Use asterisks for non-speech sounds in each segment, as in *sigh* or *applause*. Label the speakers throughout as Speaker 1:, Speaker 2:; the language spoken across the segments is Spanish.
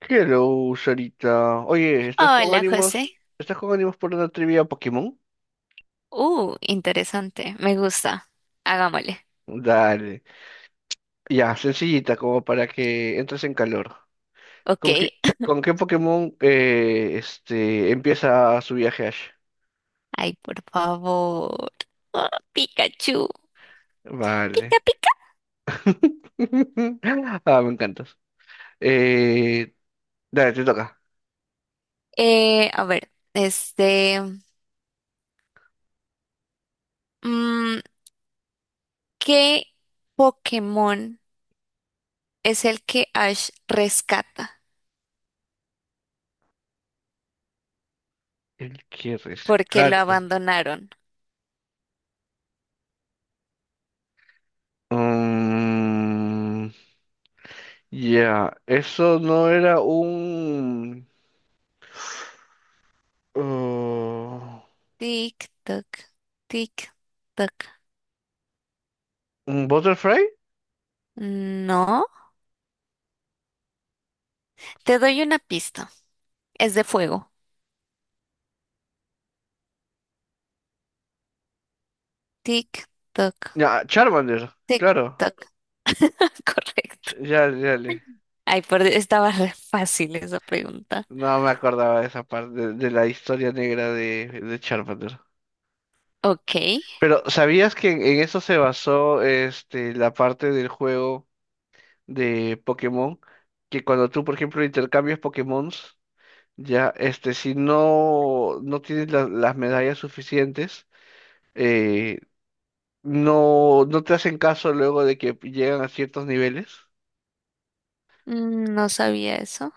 Speaker 1: Hello, Sarita. Oye, ¿estás con
Speaker 2: Hola,
Speaker 1: ánimos?
Speaker 2: José.
Speaker 1: ¿Estás con ánimos por una trivia Pokémon?
Speaker 2: Interesante. Me gusta. Hagámosle.
Speaker 1: Dale. Ya, sencillita, como para que entres en calor.
Speaker 2: Ok.
Speaker 1: ¿Con qué,
Speaker 2: *laughs*
Speaker 1: con qué Pokémon empieza su viaje Ash?
Speaker 2: Ay, por favor. Oh, Pikachu. Pica,
Speaker 1: Vale.
Speaker 2: pica.
Speaker 1: *laughs* Ah, me encantas. Eh, Dale, te toca.
Speaker 2: A ver, este. mm, ¿Qué Pokémon es el que Ash rescata?
Speaker 1: El que
Speaker 2: Porque lo
Speaker 1: rescata.
Speaker 2: abandonaron.
Speaker 1: Mm, ya, eso no era uh,
Speaker 2: Tic, toc, tic, toc.
Speaker 1: ¿un Butterfly?
Speaker 2: No. Te doy una pista. Es de fuego. Tic, toc,
Speaker 1: Ya, Charmander,
Speaker 2: tic,
Speaker 1: claro.
Speaker 2: toc. *laughs* Correcto.
Speaker 1: Ya, ya le.
Speaker 2: Ay, por... Dios, estaba re fácil esa pregunta.
Speaker 1: No me acordaba de esa parte de la historia negra de Charmander.
Speaker 2: Ok,
Speaker 1: Pero, ¿sabías que en eso se basó este la parte del juego de Pokémon? Que cuando tú, por ejemplo, intercambias Pokémon, ya, este, si no, no tienes las medallas suficientes, eh, no, no te hacen caso luego de que llegan a ciertos niveles.
Speaker 2: mm, no sabía eso.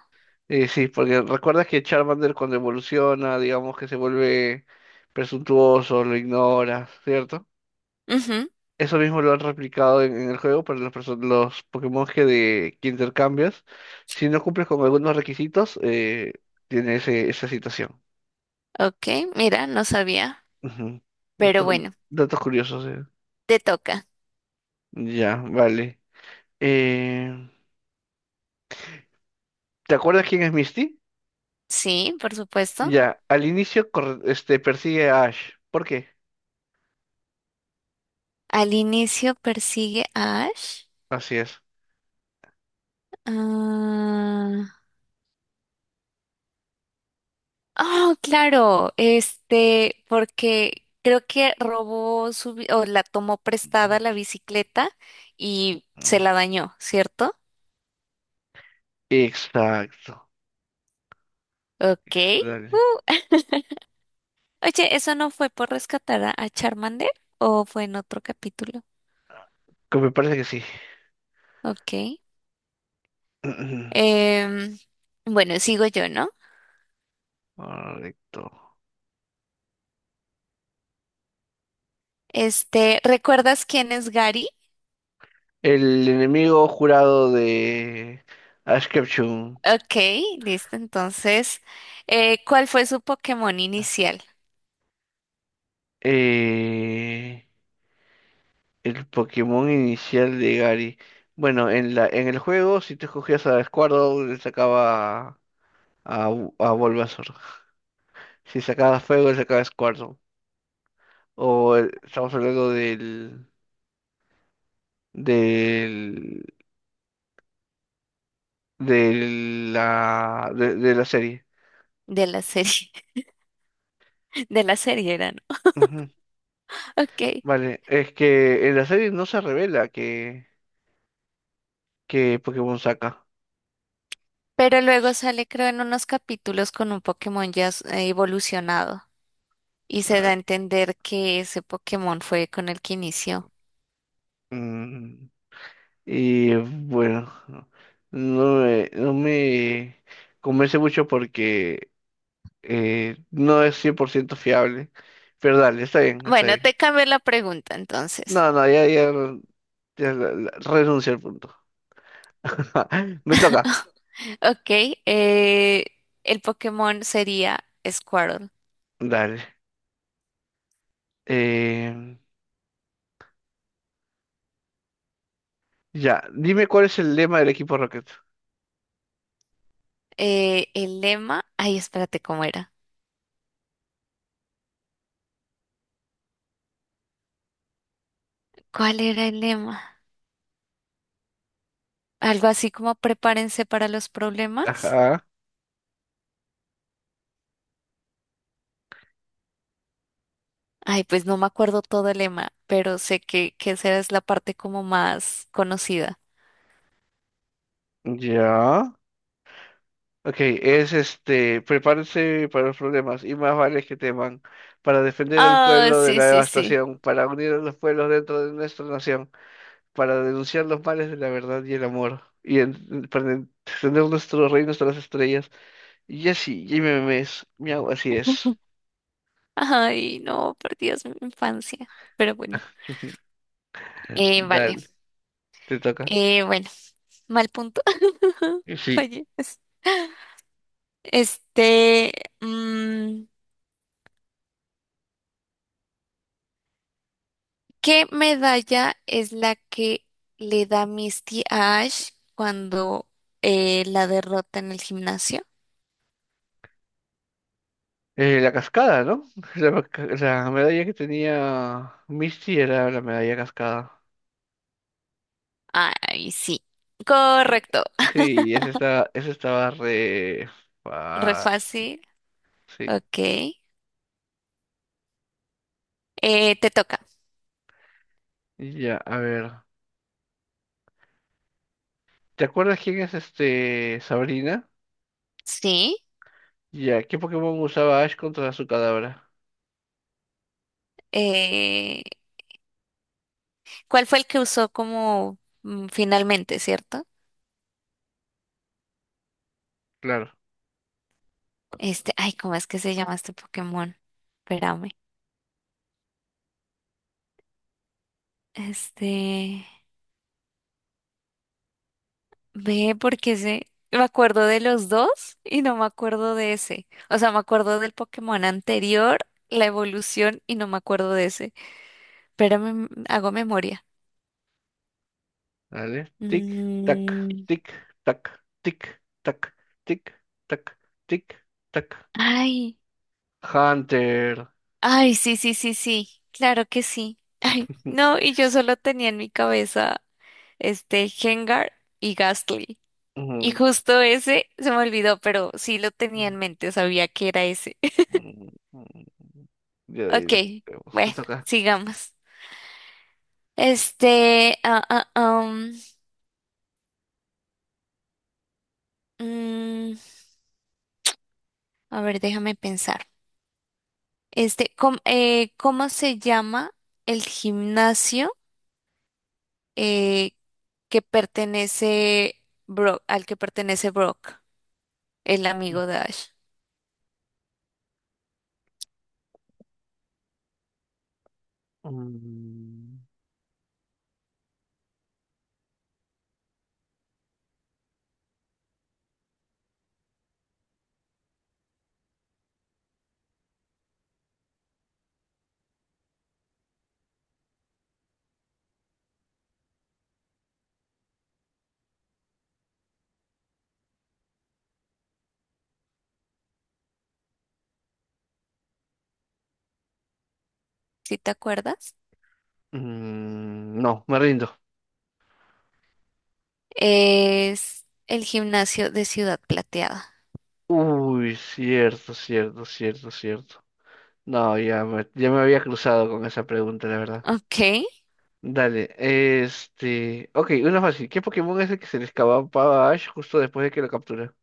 Speaker 1: Sí, porque recuerdas que Charmander cuando evoluciona, digamos que se vuelve presuntuoso, lo ignora, ¿cierto?
Speaker 2: Ujú.
Speaker 1: Eso mismo lo han replicado en el juego para los, los Pokémon que intercambias. Si no cumples con algunos requisitos, tiene ese, esa situación.
Speaker 2: Ok, mira, no sabía.
Speaker 1: Ujú.
Speaker 2: Pero
Speaker 1: Dato-
Speaker 2: bueno,
Speaker 1: Datos curiosos, eh.
Speaker 2: te toca.
Speaker 1: Ya, vale. Eh, ¿Te acuerdas quién es Misty?
Speaker 2: Sí, por supuesto.
Speaker 1: Ya, al inicio persigue a Ash. ¿Por qué?
Speaker 2: Al inicio persigue a Ash.
Speaker 1: Así es.
Speaker 2: Ah, oh, claro, este, porque creo que robó su, bi- o la tomó
Speaker 1: Ujú,
Speaker 2: prestada la bicicleta y
Speaker 1: ujú.
Speaker 2: se la dañó, ¿cierto?
Speaker 1: Exacto.
Speaker 2: Ok.
Speaker 1: Dale.
Speaker 2: uh, Oye, ¿eso no fue por rescatar a Charmander o fue en otro capítulo?
Speaker 1: Que me parece que sí.
Speaker 2: Ok.
Speaker 1: *clears throat*
Speaker 2: Em, bueno, sigo yo, ¿no?
Speaker 1: Correcto.
Speaker 2: Este, ¿recuerdas quién es Gary?
Speaker 1: El enemigo jurado de Ash Ketchum.
Speaker 2: Ok, listo. Entonces, ¿cuál fue su Pokémon inicial?
Speaker 1: Eh, el Pokémon inicial de Gary. Bueno, en la, en el juego, si tú escogías a Squirtle, le sacaba a, a Bulbasaur. *laughs* Si sacabas fuego, le sacaba a Squirtle. Estamos hablando del, del, de de la serie.
Speaker 2: De la serie, *laughs* de la serie era, ¿no? Ok.
Speaker 1: Vale, es que en la serie no se revela que Pokémon saca.
Speaker 2: Pero luego sale, creo, en unos capítulos con un Pokémon ya s- evolucionado y se da
Speaker 1: Ah,
Speaker 2: a entender que ese Pokémon fue con el que inició.
Speaker 1: mm, y bueno, no me convence mucho porque no es 100% fiable. Pero dale, está bien, está
Speaker 2: Bueno,
Speaker 1: bien.
Speaker 2: te cambio la pregunta entonces.
Speaker 1: No, no, ya, ya, ya renuncio al punto. *laughs* Me toca.
Speaker 2: Ok, eh, el Pokémon sería Squirtle.
Speaker 1: Dale. Eh, ya, dime cuál es el lema del equipo Rocket.
Speaker 2: El lema, ay, espérate, ¿cómo era? ¿Cuál era el lema? Algo así como prepárense para los problemas.
Speaker 1: Ajá,
Speaker 2: Ay, pues no me acuerdo todo el lema, pero sé que esa es la parte como más conocida.
Speaker 1: ya. Ok, es este, prepárense para los problemas y más vale que teman para defender al
Speaker 2: Ah,
Speaker 1: pueblo de
Speaker 2: sí,
Speaker 1: la
Speaker 2: sí, sí.
Speaker 1: devastación, para unir a los pueblos dentro de nuestra nación, para denunciar los males de la verdad y el amor para extender nuestro reino hasta las estrellas. Y así, y me memes, miau, así es.
Speaker 2: *laughs* Ay, no, perdidas mi infancia. Pero bueno, vale.
Speaker 1: Dale, te toca.
Speaker 2: Bueno, mal punto. *laughs*
Speaker 1: Sí,
Speaker 2: Oye, este, mm, ¿qué medalla es la que le da Misty a Ash cuando la derrota en el gimnasio?
Speaker 1: la cascada, ¿no? *laughs* La, la medalla que tenía Misty era la medalla cascada.
Speaker 2: Ay, sí.
Speaker 1: Eh,
Speaker 2: Correcto.
Speaker 1: Sí, ese estaba re
Speaker 2: *laughs* Re
Speaker 1: fácil.
Speaker 2: fácil.
Speaker 1: Sí.
Speaker 2: Ok. Te toca.
Speaker 1: Y ya, a ver. ¿Te acuerdas quién es este Sabrina?
Speaker 2: Sí.
Speaker 1: Ya, ¿qué Pokémon usaba Ash contra su cadáver?
Speaker 2: Eh, ¿Cuál fue el que usó como finalmente, cierto?
Speaker 1: Claro.
Speaker 2: Este, ay, ¿cómo es que se llama este Pokémon? Espérame. Este, ve porque se, me acuerdo de los dos y no me acuerdo de ese. O sea, me acuerdo del Pokémon anterior, la evolución y no me acuerdo de ese. Espérame, m- hago memoria.
Speaker 1: Dale. Tic, tac,
Speaker 2: Mm,
Speaker 1: tic, tac, tic, tac, tic, tac, tic, tac.
Speaker 2: ay,
Speaker 1: Hunter.
Speaker 2: ay, sí, sí, sí, sí. Claro que sí. Ay,
Speaker 1: *laughs*
Speaker 2: no, y yo solo tenía en mi cabeza este Gengar y Gastly. Y
Speaker 1: Mm,
Speaker 2: justo ese se me olvidó, pero sí lo tenía
Speaker 1: mm,
Speaker 2: en mente, sabía que era ese. *laughs*
Speaker 1: mm, mm. Ya, de ahí lo
Speaker 2: Ok,
Speaker 1: vemos. Te
Speaker 2: bueno,
Speaker 1: toca.
Speaker 2: sigamos. Este, ah, ah, am, mm, a ver, déjame pensar. Este, com- ¿cómo se llama el gimnasio eh, que pertenece Brock, al que pertenece Brock, el amigo de Ash?
Speaker 1: Mm,
Speaker 2: ¿Sí te acuerdas?
Speaker 1: mm, no, me rindo.
Speaker 2: Es el gimnasio de Ciudad Plateada.
Speaker 1: Uy, cierto, cierto, cierto, cierto. No, ya me había cruzado con esa pregunta, la verdad.
Speaker 2: Ok.
Speaker 1: Dale, este... Ok, una fácil. ¿Qué Pokémon es el que se le escapaba a Ash justo después de que lo captura?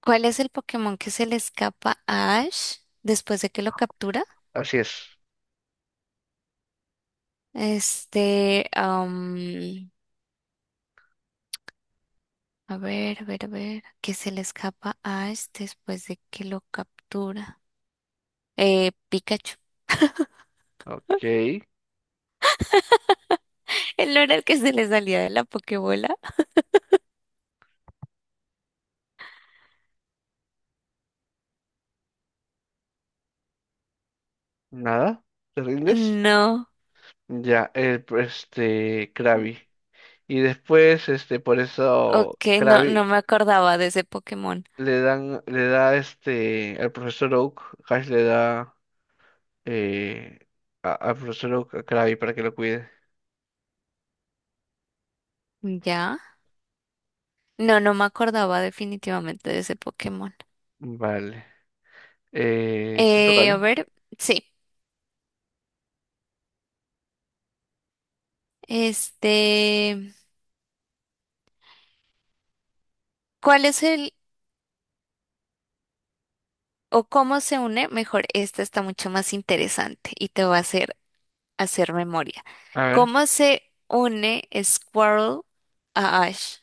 Speaker 2: ¿Cuál es el Pokémon que se le escapa a Ash después de que lo captura?
Speaker 1: Así es.
Speaker 2: Este, am, a ver, a ver, a ver, que se le escapa a Ash después de que lo captura. Pikachu.
Speaker 1: Ok,
Speaker 2: *laughs* ¿El no era el que se le salía de la Pokébola?
Speaker 1: nada. ¿Te rindes?
Speaker 2: No.
Speaker 1: Ya, el, este, Krabby. Y después, este, por eso
Speaker 2: Ok, no, no
Speaker 1: Krabby
Speaker 2: me acordaba de ese Pokémon.
Speaker 1: le dan, le da, este, al profesor Oak, Ash le da, eh, al profesor Oak a Krabby para que lo cuide.
Speaker 2: ¿Ya? No, no me acordaba definitivamente de ese Pokémon.
Speaker 1: Vale. Te toca,
Speaker 2: A
Speaker 1: ¿no?
Speaker 2: ver, sí. Este, ¿cuál es el o cómo se une, mejor, esta está mucho más interesante y te va a hacer memoria.
Speaker 1: A ver.
Speaker 2: ¿Cómo se une Squirrel a Ash?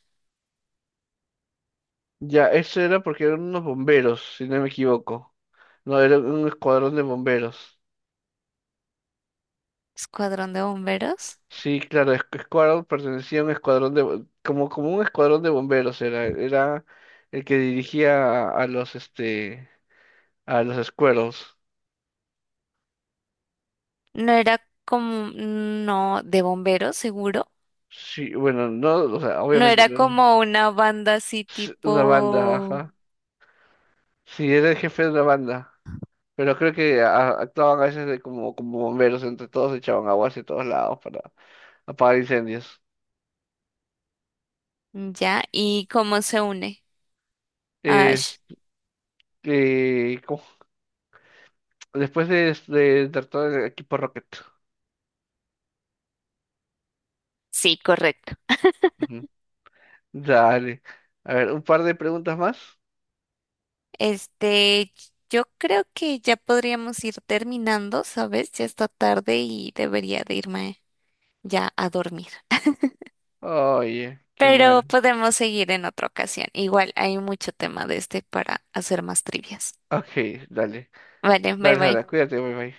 Speaker 1: Ya, eso era porque eran unos bomberos, si no me equivoco. No, era un escuadrón de bomberos.
Speaker 2: ¿Escuadrón de bomberos?
Speaker 1: Sí, claro, escuadrón pertenecía a un escuadrón de... como, como un escuadrón de bomberos era. Era el que dirigía a los, este... a los Squirrels.
Speaker 2: No era como, no, de bomberos, seguro.
Speaker 1: Sí, bueno, no, o sea,
Speaker 2: No
Speaker 1: obviamente
Speaker 2: era
Speaker 1: no era
Speaker 2: como una banda así
Speaker 1: una banda,
Speaker 2: tipo,
Speaker 1: ajá. Sí, era el jefe de una banda. Pero creo que actuaban a veces de como, como bomberos, entre todos echaban agua hacia todos lados para... apagar incendios.
Speaker 2: ya, ¿y cómo se une a
Speaker 1: Es-
Speaker 2: Ash?
Speaker 1: ¿Cómo? Después de todo equipo Rocket.
Speaker 2: Sí, correcto.
Speaker 1: Ujú. Dale. A ver, un par de preguntas más.
Speaker 2: Este, yo creo que ya podríamos ir terminando, ¿sabes? Ya está tarde y debería de irme ya a dormir.
Speaker 1: Oye, qué
Speaker 2: Pero
Speaker 1: mal.
Speaker 2: podemos seguir en otra ocasión. Igual hay mucho tema de este para hacer más trivias.
Speaker 1: Ok, dale.
Speaker 2: Vale, bye
Speaker 1: Dale, Sara,
Speaker 2: bye.
Speaker 1: cuídate, bye bye.